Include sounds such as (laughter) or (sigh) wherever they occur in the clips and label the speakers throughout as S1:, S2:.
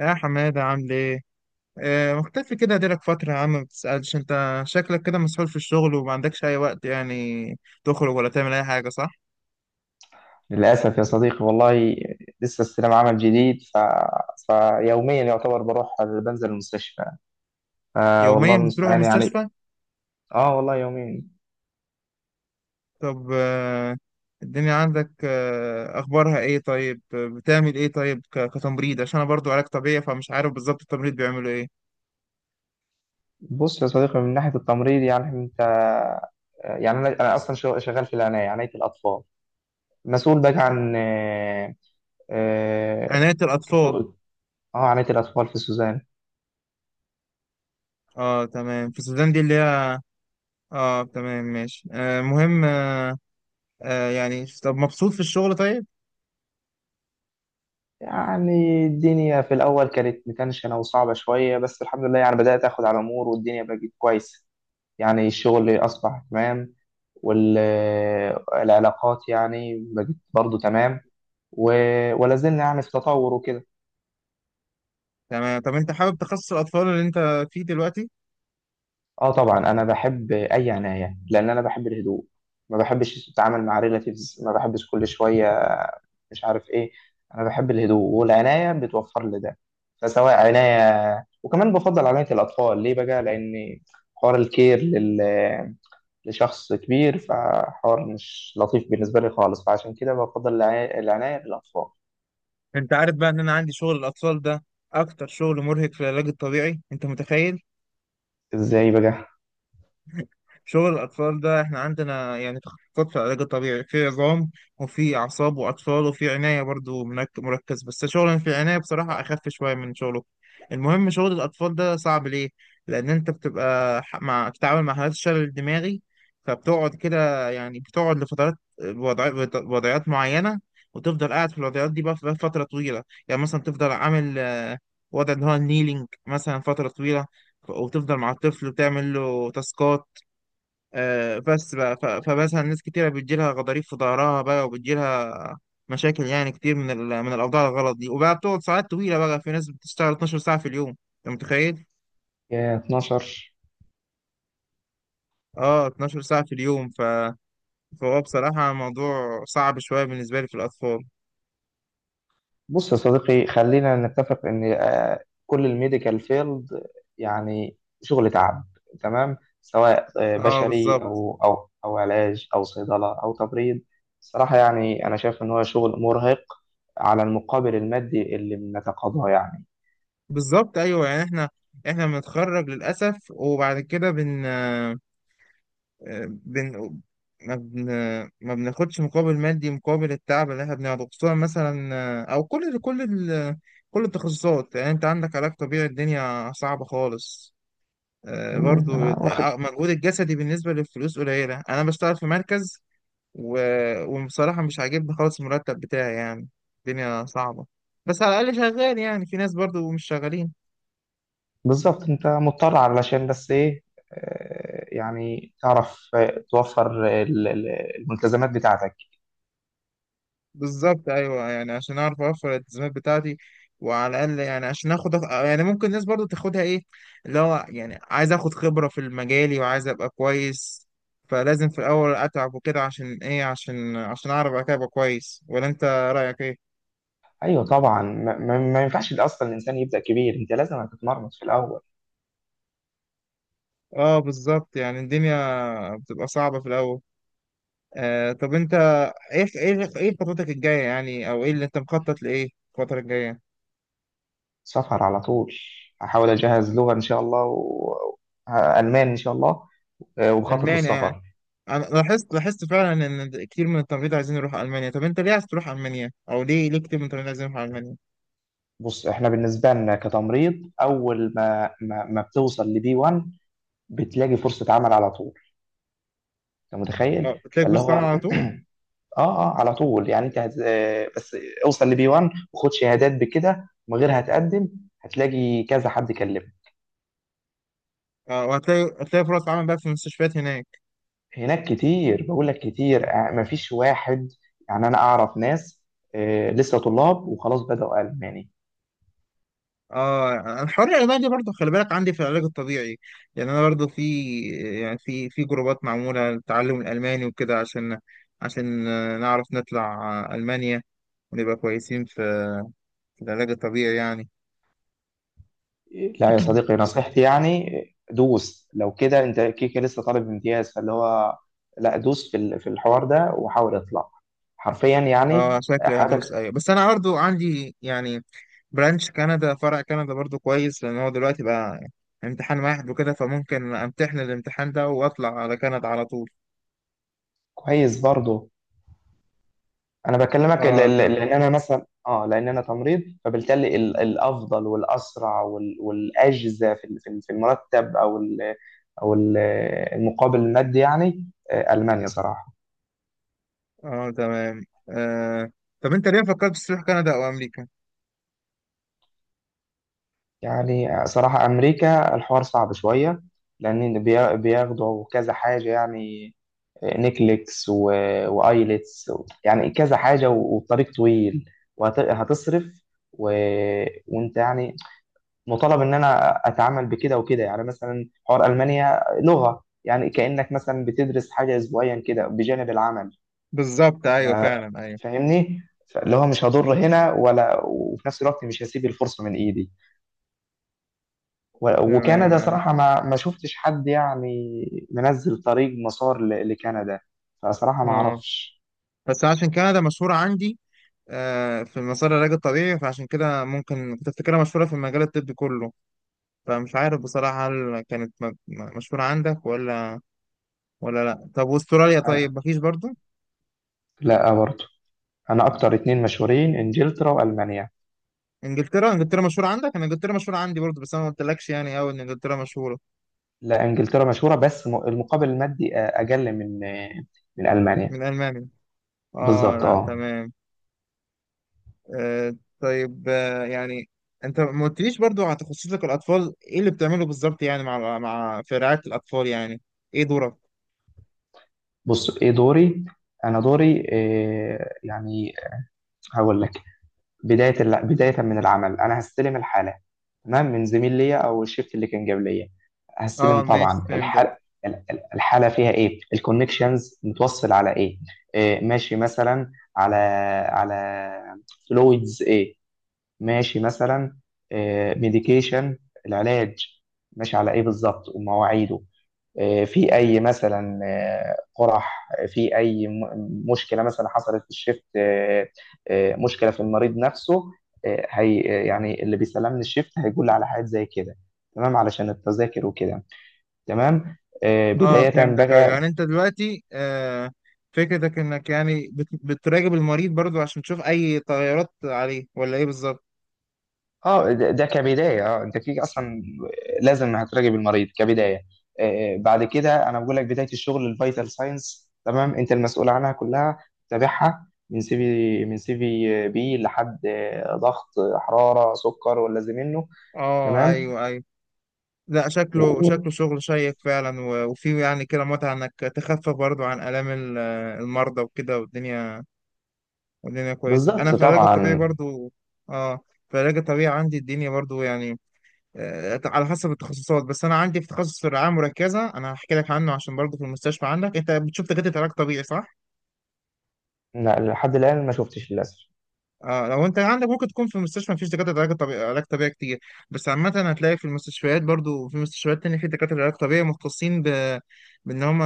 S1: يا حمادة عامل ايه؟ مختفي كده ديلك فترة يا عم، ما بتسألش؟ انت شكلك كده مسحول في الشغل وما عندكش أي وقت يعني تخرج ولا تعمل أي حاجة، صح؟
S2: للأسف يا صديقي والله. لسه استلام عمل جديد فيوميا يعتبر بروح بنزل المستشفى. آه والله
S1: يوميا بتروح
S2: المستعان يعني.
S1: المستشفى؟
S2: اه والله يوميا.
S1: طب، الدنيا عندك، أخبارها ايه طيب؟ بتعمل ايه طيب، كتمريض؟ عشان أنا برضو علاج طبيعي، فمش عارف بالظبط التمريض بيعملوا ايه؟
S2: بص يا صديقي، من ناحية التمريض يعني انت، يعني انا اصلا شغال في عناية الأطفال. مسؤول بقى عن آه
S1: عناية الأطفال.
S2: كسو- عناية الأطفال في سوزان.
S1: اه، تمام، في السودان دي اللي هي. اه، تمام، ماشي. آه، مهم. يعني، طب، مبسوط في الشغل طيب؟
S2: يعني الدنيا في الأول كانت متنشنة وصعبة شوية، بس الحمد لله يعني بدأت أخد على الأمور والدنيا بقت كويسة. يعني الشغل أصبح تمام، والعلاقات يعني بقت برضو تمام، ولا زلنا يعني في تطور وكده.
S1: تمام، طب انت حابب تخصص الاطفال اللي انت فيه دلوقتي.
S2: اه طبعا انا بحب اي عناية لان انا بحب الهدوء. ما بحبش التعامل مع ريلاتيفز، ما بحبش كل شوية مش عارف ايه. انا بحب الهدوء والعناية بتوفر لي ده. فسواء عناية، وكمان بفضل عناية الاطفال ليه بقى؟ لان حوار الكير لشخص كبير فحوار مش لطيف بالنسبة لي خالص. فعشان كده بفضل العناية بالأطفال.
S1: انت عارف بقى ان انا عندي شغل الاطفال ده اكتر شغل مرهق في العلاج الطبيعي؟ انت متخيل؟
S2: ازاي بقى؟
S1: شغل الأطفال ده، إحنا عندنا يعني تخصصات في العلاج الطبيعي، في عظام وفي أعصاب وأطفال وفي عناية برضو مركز، بس شغل في العناية بصراحة أخف شوية من شغله. المهم، شغل الأطفال ده صعب ليه؟ لأن أنت بتبقى ح- مع بتتعامل مع حالات الشلل الدماغي، فبتقعد كده يعني بتقعد لفترات، وضعيات معينة، وتفضل قاعد في الوضعيات دي بقى فترة طويلة. يعني مثلا تفضل عامل، وضع اللي هو النيلينج مثلا فترة طويلة، وتفضل مع الطفل وتعمل له تاسكات. بس بقى، فمثلا ناس كتيرة بتجيلها غضاريف في ظهرها بقى، وبتجيلها مشاكل يعني كتير من من الأوضاع الغلط دي، وبقى بتقعد ساعات طويلة بقى، في ناس بتشتغل 12 ساعة في اليوم. أنت متخيل؟
S2: يا 12!
S1: اه، 12 ساعة في اليوم. فهو بصراحة موضوع صعب شوية بالنسبة لي في الأطفال.
S2: بص يا صديقي، خلينا نتفق ان كل الميديكال فيلد يعني شغل تعب. تمام، سواء
S1: اه،
S2: بشري
S1: بالظبط.
S2: او علاج او صيدله او تبريد. صراحه يعني انا شايف ان هو شغل مرهق على المقابل المادي اللي بنتقاضاه يعني.
S1: بالظبط، أيوه يعني احنا بنتخرج للأسف، وبعد كده بن... ما بن... ما بناخدش مقابل مادي مقابل التعب اللي احنا بنعرضه، خصوصا مثلا، او كل التخصصات، يعني انت عندك علاج طبيعي الدنيا صعبة خالص. آه، برضو
S2: أنا
S1: ال-
S2: واخد.
S1: آه، مجهود الجسدي بالنسبة للفلوس قليلة. انا بشتغل في مركز، و... وبصراحة مش عاجبني خالص المرتب بتاعي يعني. الدنيا صعبة، بس على الأقل شغال، يعني في ناس برضو مش شغالين.
S2: بالظبط، انت مضطر علشان بس ايه؟ يعني تعرف، توفر الملتزمات بتاعتك.
S1: بالظبط، ايوه يعني عشان اعرف اوفر الالتزامات بتاعتي، وعلى الاقل يعني عشان اخد يعني ممكن الناس برضو تاخدها ايه، اللي هو يعني عايز اخد خبره في المجالي وعايز ابقى كويس، فلازم في الاول اتعب وكده، عشان ايه؟ عشان اعرف بعد كده ابقى كويس. ولا انت رايك ايه؟
S2: ايوه طبعا، ما ينفعش اصلا الانسان يبدا كبير، انت لازم هتتمرمط في الاول.
S1: اه، بالظبط، يعني الدنيا بتبقى صعبه في الاول. طب انت، ايه خطتك الجايه يعني؟ او ايه اللي انت مخطط لايه الفتره الجايه؟
S2: سفر على طول. هحاول اجهز لغه ان شاء الله المان ان شاء الله. وخطط
S1: المانيا يعني؟
S2: للسفر.
S1: انا لاحظت فعلا ان كتير من التمريض عايزين يروحوا المانيا. طب انت ليه عايز تروح المانيا؟ او ليه كتير من التمريض عايزين يروحوا المانيا؟
S2: بص، احنا بالنسبه لنا كتمريض اول ما بتوصل لبي 1، بتلاقي فرصه عمل على طول. انت
S1: اه،
S2: متخيل؟
S1: هتلاقي
S2: فاللي
S1: فرص
S2: هو
S1: عمل
S2: اه،
S1: على طول.
S2: اه على طول. يعني انت هت... آه، بس اوصل لبي 1 وخد شهادات، بكده من غير هتقدم هتلاقي كذا حد كلمك.
S1: اه، وهتلاقي فرص عمل بقى في المستشفيات هناك.
S2: هناك كتير، بقول لك كتير، مفيش واحد. يعني انا اعرف ناس لسه طلاب وخلاص بدأوا الماني.
S1: اه، الحوار الالماني ده برضه خلي بالك، عندي في العلاج الطبيعي يعني، انا برضه في، يعني في جروبات معموله للتعلم الالماني وكده، عشان نعرف نطلع، المانيا ونبقى كويسين في العلاج الطبيعي يعني.
S2: لا يا صديقي،
S1: (clears throat)
S2: نصيحتي يعني، دوس. لو كده انت كيكه لسه طالب امتياز، فاللي هو لا، دوس في الحوار ده وحاول اطلع، حرفيا
S1: (laughs) اه،
S2: يعني
S1: شكلي هدوس،
S2: حياتك.
S1: ايوه، بس انا برضه عندي يعني برانش كندا، فرع كندا برضو كويس، لان هو دلوقتي بقى امتحان واحد وكده، فممكن امتحن الامتحان ده واطلع على كندا على طول.
S2: كويس برضه. انا بكلمك
S1: اه، تمام.
S2: لان انا مثلا لان انا تمريض، فبالتالي الافضل والاسرع والاجزى في المرتب او ال- المقابل المادي يعني. المانيا صراحه.
S1: اه، تمام. آه. طب انت ليه فكرت تروح كندا او امريكا؟
S2: يعني صراحه امريكا الحوار صعب شويه، لان بياخدوا كذا حاجه يعني. نيكليكس وايلتس، يعني كذا حاجه، والطريق طويل وهتصرف و... وانت يعني مطالب ان انا اتعامل بكده وكده. يعني مثلا حوار المانيا لغه، يعني كانك مثلا بتدرس حاجه اسبوعيا كده بجانب العمل.
S1: بالظبط،
S2: ف-
S1: ايوه فعلا، ايوه،
S2: فاهمني؟ اللي هو مش هضر هنا، وفي نفس الوقت مش هسيب الفرصة من ايدي.
S1: تمام،
S2: وكندا
S1: ايوه.
S2: صراحة ما شفتش حد يعني منزل طريق مسار لكندا. فصراحة ما
S1: اه،
S2: اعرفش.
S1: بس عشان كندا مشهورة عندي، في مسار العلاج الطبيعي، فعشان كده ممكن كنت افتكرها مشهورة في المجال الطبي كله، فمش عارف بصراحة هل كانت مشهورة عندك ولا لا. طب واستراليا
S2: أنا
S1: طيب؟ مفيش برضو؟
S2: لا برضه. انا اكتر اتنين مشهورين انجلترا والمانيا.
S1: انجلترا مشهوره عندك؟ انا انجلترا مشهوره عندي برضه، بس انا ما قلتلكش يعني قوي ان انجلترا مشهوره
S2: لا، انجلترا مشهورة بس المقابل المادي اقل من المانيا.
S1: من المانيا. اه،
S2: بالظبط
S1: لا،
S2: اه.
S1: تمام. طيب، يعني انت ما قلتليش برضه على تخصصك الاطفال، ايه اللي بتعمله بالظبط يعني، مع مع في رعايه الاطفال يعني، ايه دورك؟
S2: بص، ايه دوري؟ انا دوري إيه يعني؟ هقول لك. بداية من العمل، أنا هستلم الحالة، تمام، من زميل ليا أو الشيفت اللي كان جاب ليا.
S1: اه،
S2: هستلم
S1: ماشي،
S2: طبعا
S1: فهمتك.
S2: الحالة. الحالة فيها إيه؟ الكونكشنز متوصل على إيه؟ ماشي مثلا على فلويدز إيه؟ ماشي مثلا ميديكيشن، العلاج ماشي على إيه بالظبط ومواعيده. في اي مثلا قرح، في اي مشكله مثلا حصلت في الشيفت، مشكله في المريض نفسه. آه، هي آه، يعني اللي بيسلمني الشيفت هيقول لي على حاجات زي كده، تمام، علشان التذاكر وكده. تمام.
S1: اه،
S2: بدايه
S1: فهمتك، أيوة.
S2: بقى.
S1: يعني انت دلوقتي، فكرتك انك يعني بتراقب المريض برضو، عشان تشوف اي تغيرات عليه، ولا ايه بالظبط؟
S2: اه، ده كبدايه، انت كده اصلا لازم هتراجع بالمريض كبدايه. بعد كده انا بقول لك بدايه الشغل الفيتال ساينس. تمام، انت المسؤول عنها كلها، تتابعها من سي في بي لحد ضغط، حراره، سكر ولا زي منه.
S1: اه،
S2: تمام
S1: ايوه، ايوه. لا،
S2: و-
S1: شكله
S2: و-
S1: شغل شيق فعلا، وفيه يعني كده متعة انك تخفف برضو عن آلام المرضى وكده، والدنيا كويسة. انا
S2: بالظبط
S1: في العلاج الطبيعي
S2: طبعا.
S1: برضو، اه في العلاج الطبيعي عندي الدنيا برضو يعني، على حسب التخصصات، بس انا عندي في تخصص الرعاية المركزة. انا هحكي لك عنه، عشان برضو في المستشفى عندك انت بتشوف دكاترة علاج طبيعي، صح؟
S2: لا لحد الان ما شفتش للاسف.
S1: اه، لو انت عندك ممكن تكون في المستشفى مفيش دكاتره علاج طبيعي كتير. بس عامه هتلاقي في المستشفيات برضو، في مستشفيات تانية في دكاتره علاج طبيعي مختصين بان هم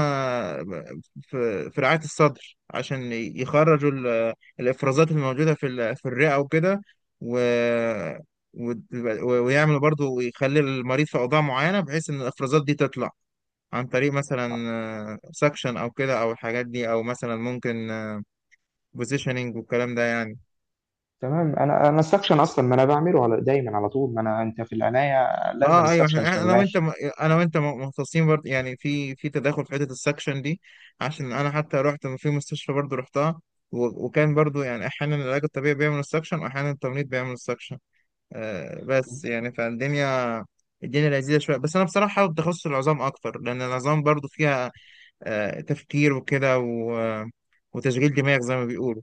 S1: في رعايه الصدر، عشان يخرجوا الافرازات اللي موجوده في الرئه وكده، و... و... ويعملوا برضو، ويخلي المريض في اوضاع معينه بحيث ان الافرازات دي تطلع عن طريق مثلا
S2: آه،
S1: سكشن او كده، او الحاجات دي، او مثلا ممكن بوزيشننج والكلام ده يعني.
S2: تمام. انا السكشن اصلا ما انا بعمله على دايما على طول، ما انا انت في العنايه لازم
S1: اه، ايوه.
S2: السكشن
S1: انا
S2: شغال.
S1: وانت م- انا وانت م- مختصين برضه يعني، في تداخل في حته السكشن دي. عشان انا حتى رحت في مستشفى برضه رحتها، وكان برضه يعني احيانا العلاج الطبيعي بيعمل السكشن، واحيانا التمريض بيعمل السكشن. بس يعني فالدنيا لذيذه شويه، بس انا بصراحه حابب تخصص العظام اكتر، لان العظام برضه فيها تفكير وكده، وتشغيل دماغ زي ما بيقولوا.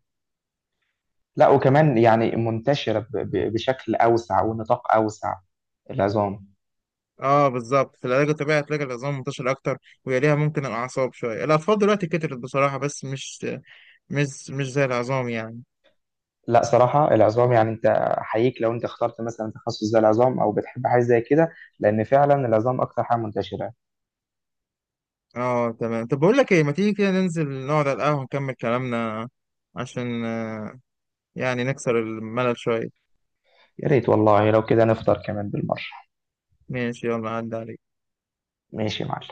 S2: لا، وكمان يعني منتشرة بشكل أوسع ونطاق أوسع، العظام.
S1: اه، بالظبط، في العلاج الطبيعي هتلاقي العظام منتشر اكتر، ويليها ممكن الاعصاب شويه، الاطفال دلوقتي كترت بصراحه، بس مش زي العظام يعني.
S2: لا، صراحة العظام، يعني أنت أحييك لو أنت اخترت مثلا تخصص زي العظام أو بتحب حاجة زي كده، لأن فعلا العظام أكتر حاجة منتشرة.
S1: اه، تمام. طب بقول لك ايه، ما تيجي كده ننزل نقعد على القهوة نكمل كلامنا، عشان، يعني نكسر الملل شوية.
S2: يا ريت والله لو كده نفطر كمان بالمرة.
S1: ماشي، يلا عدى عليك.
S2: ماشي يا معلم.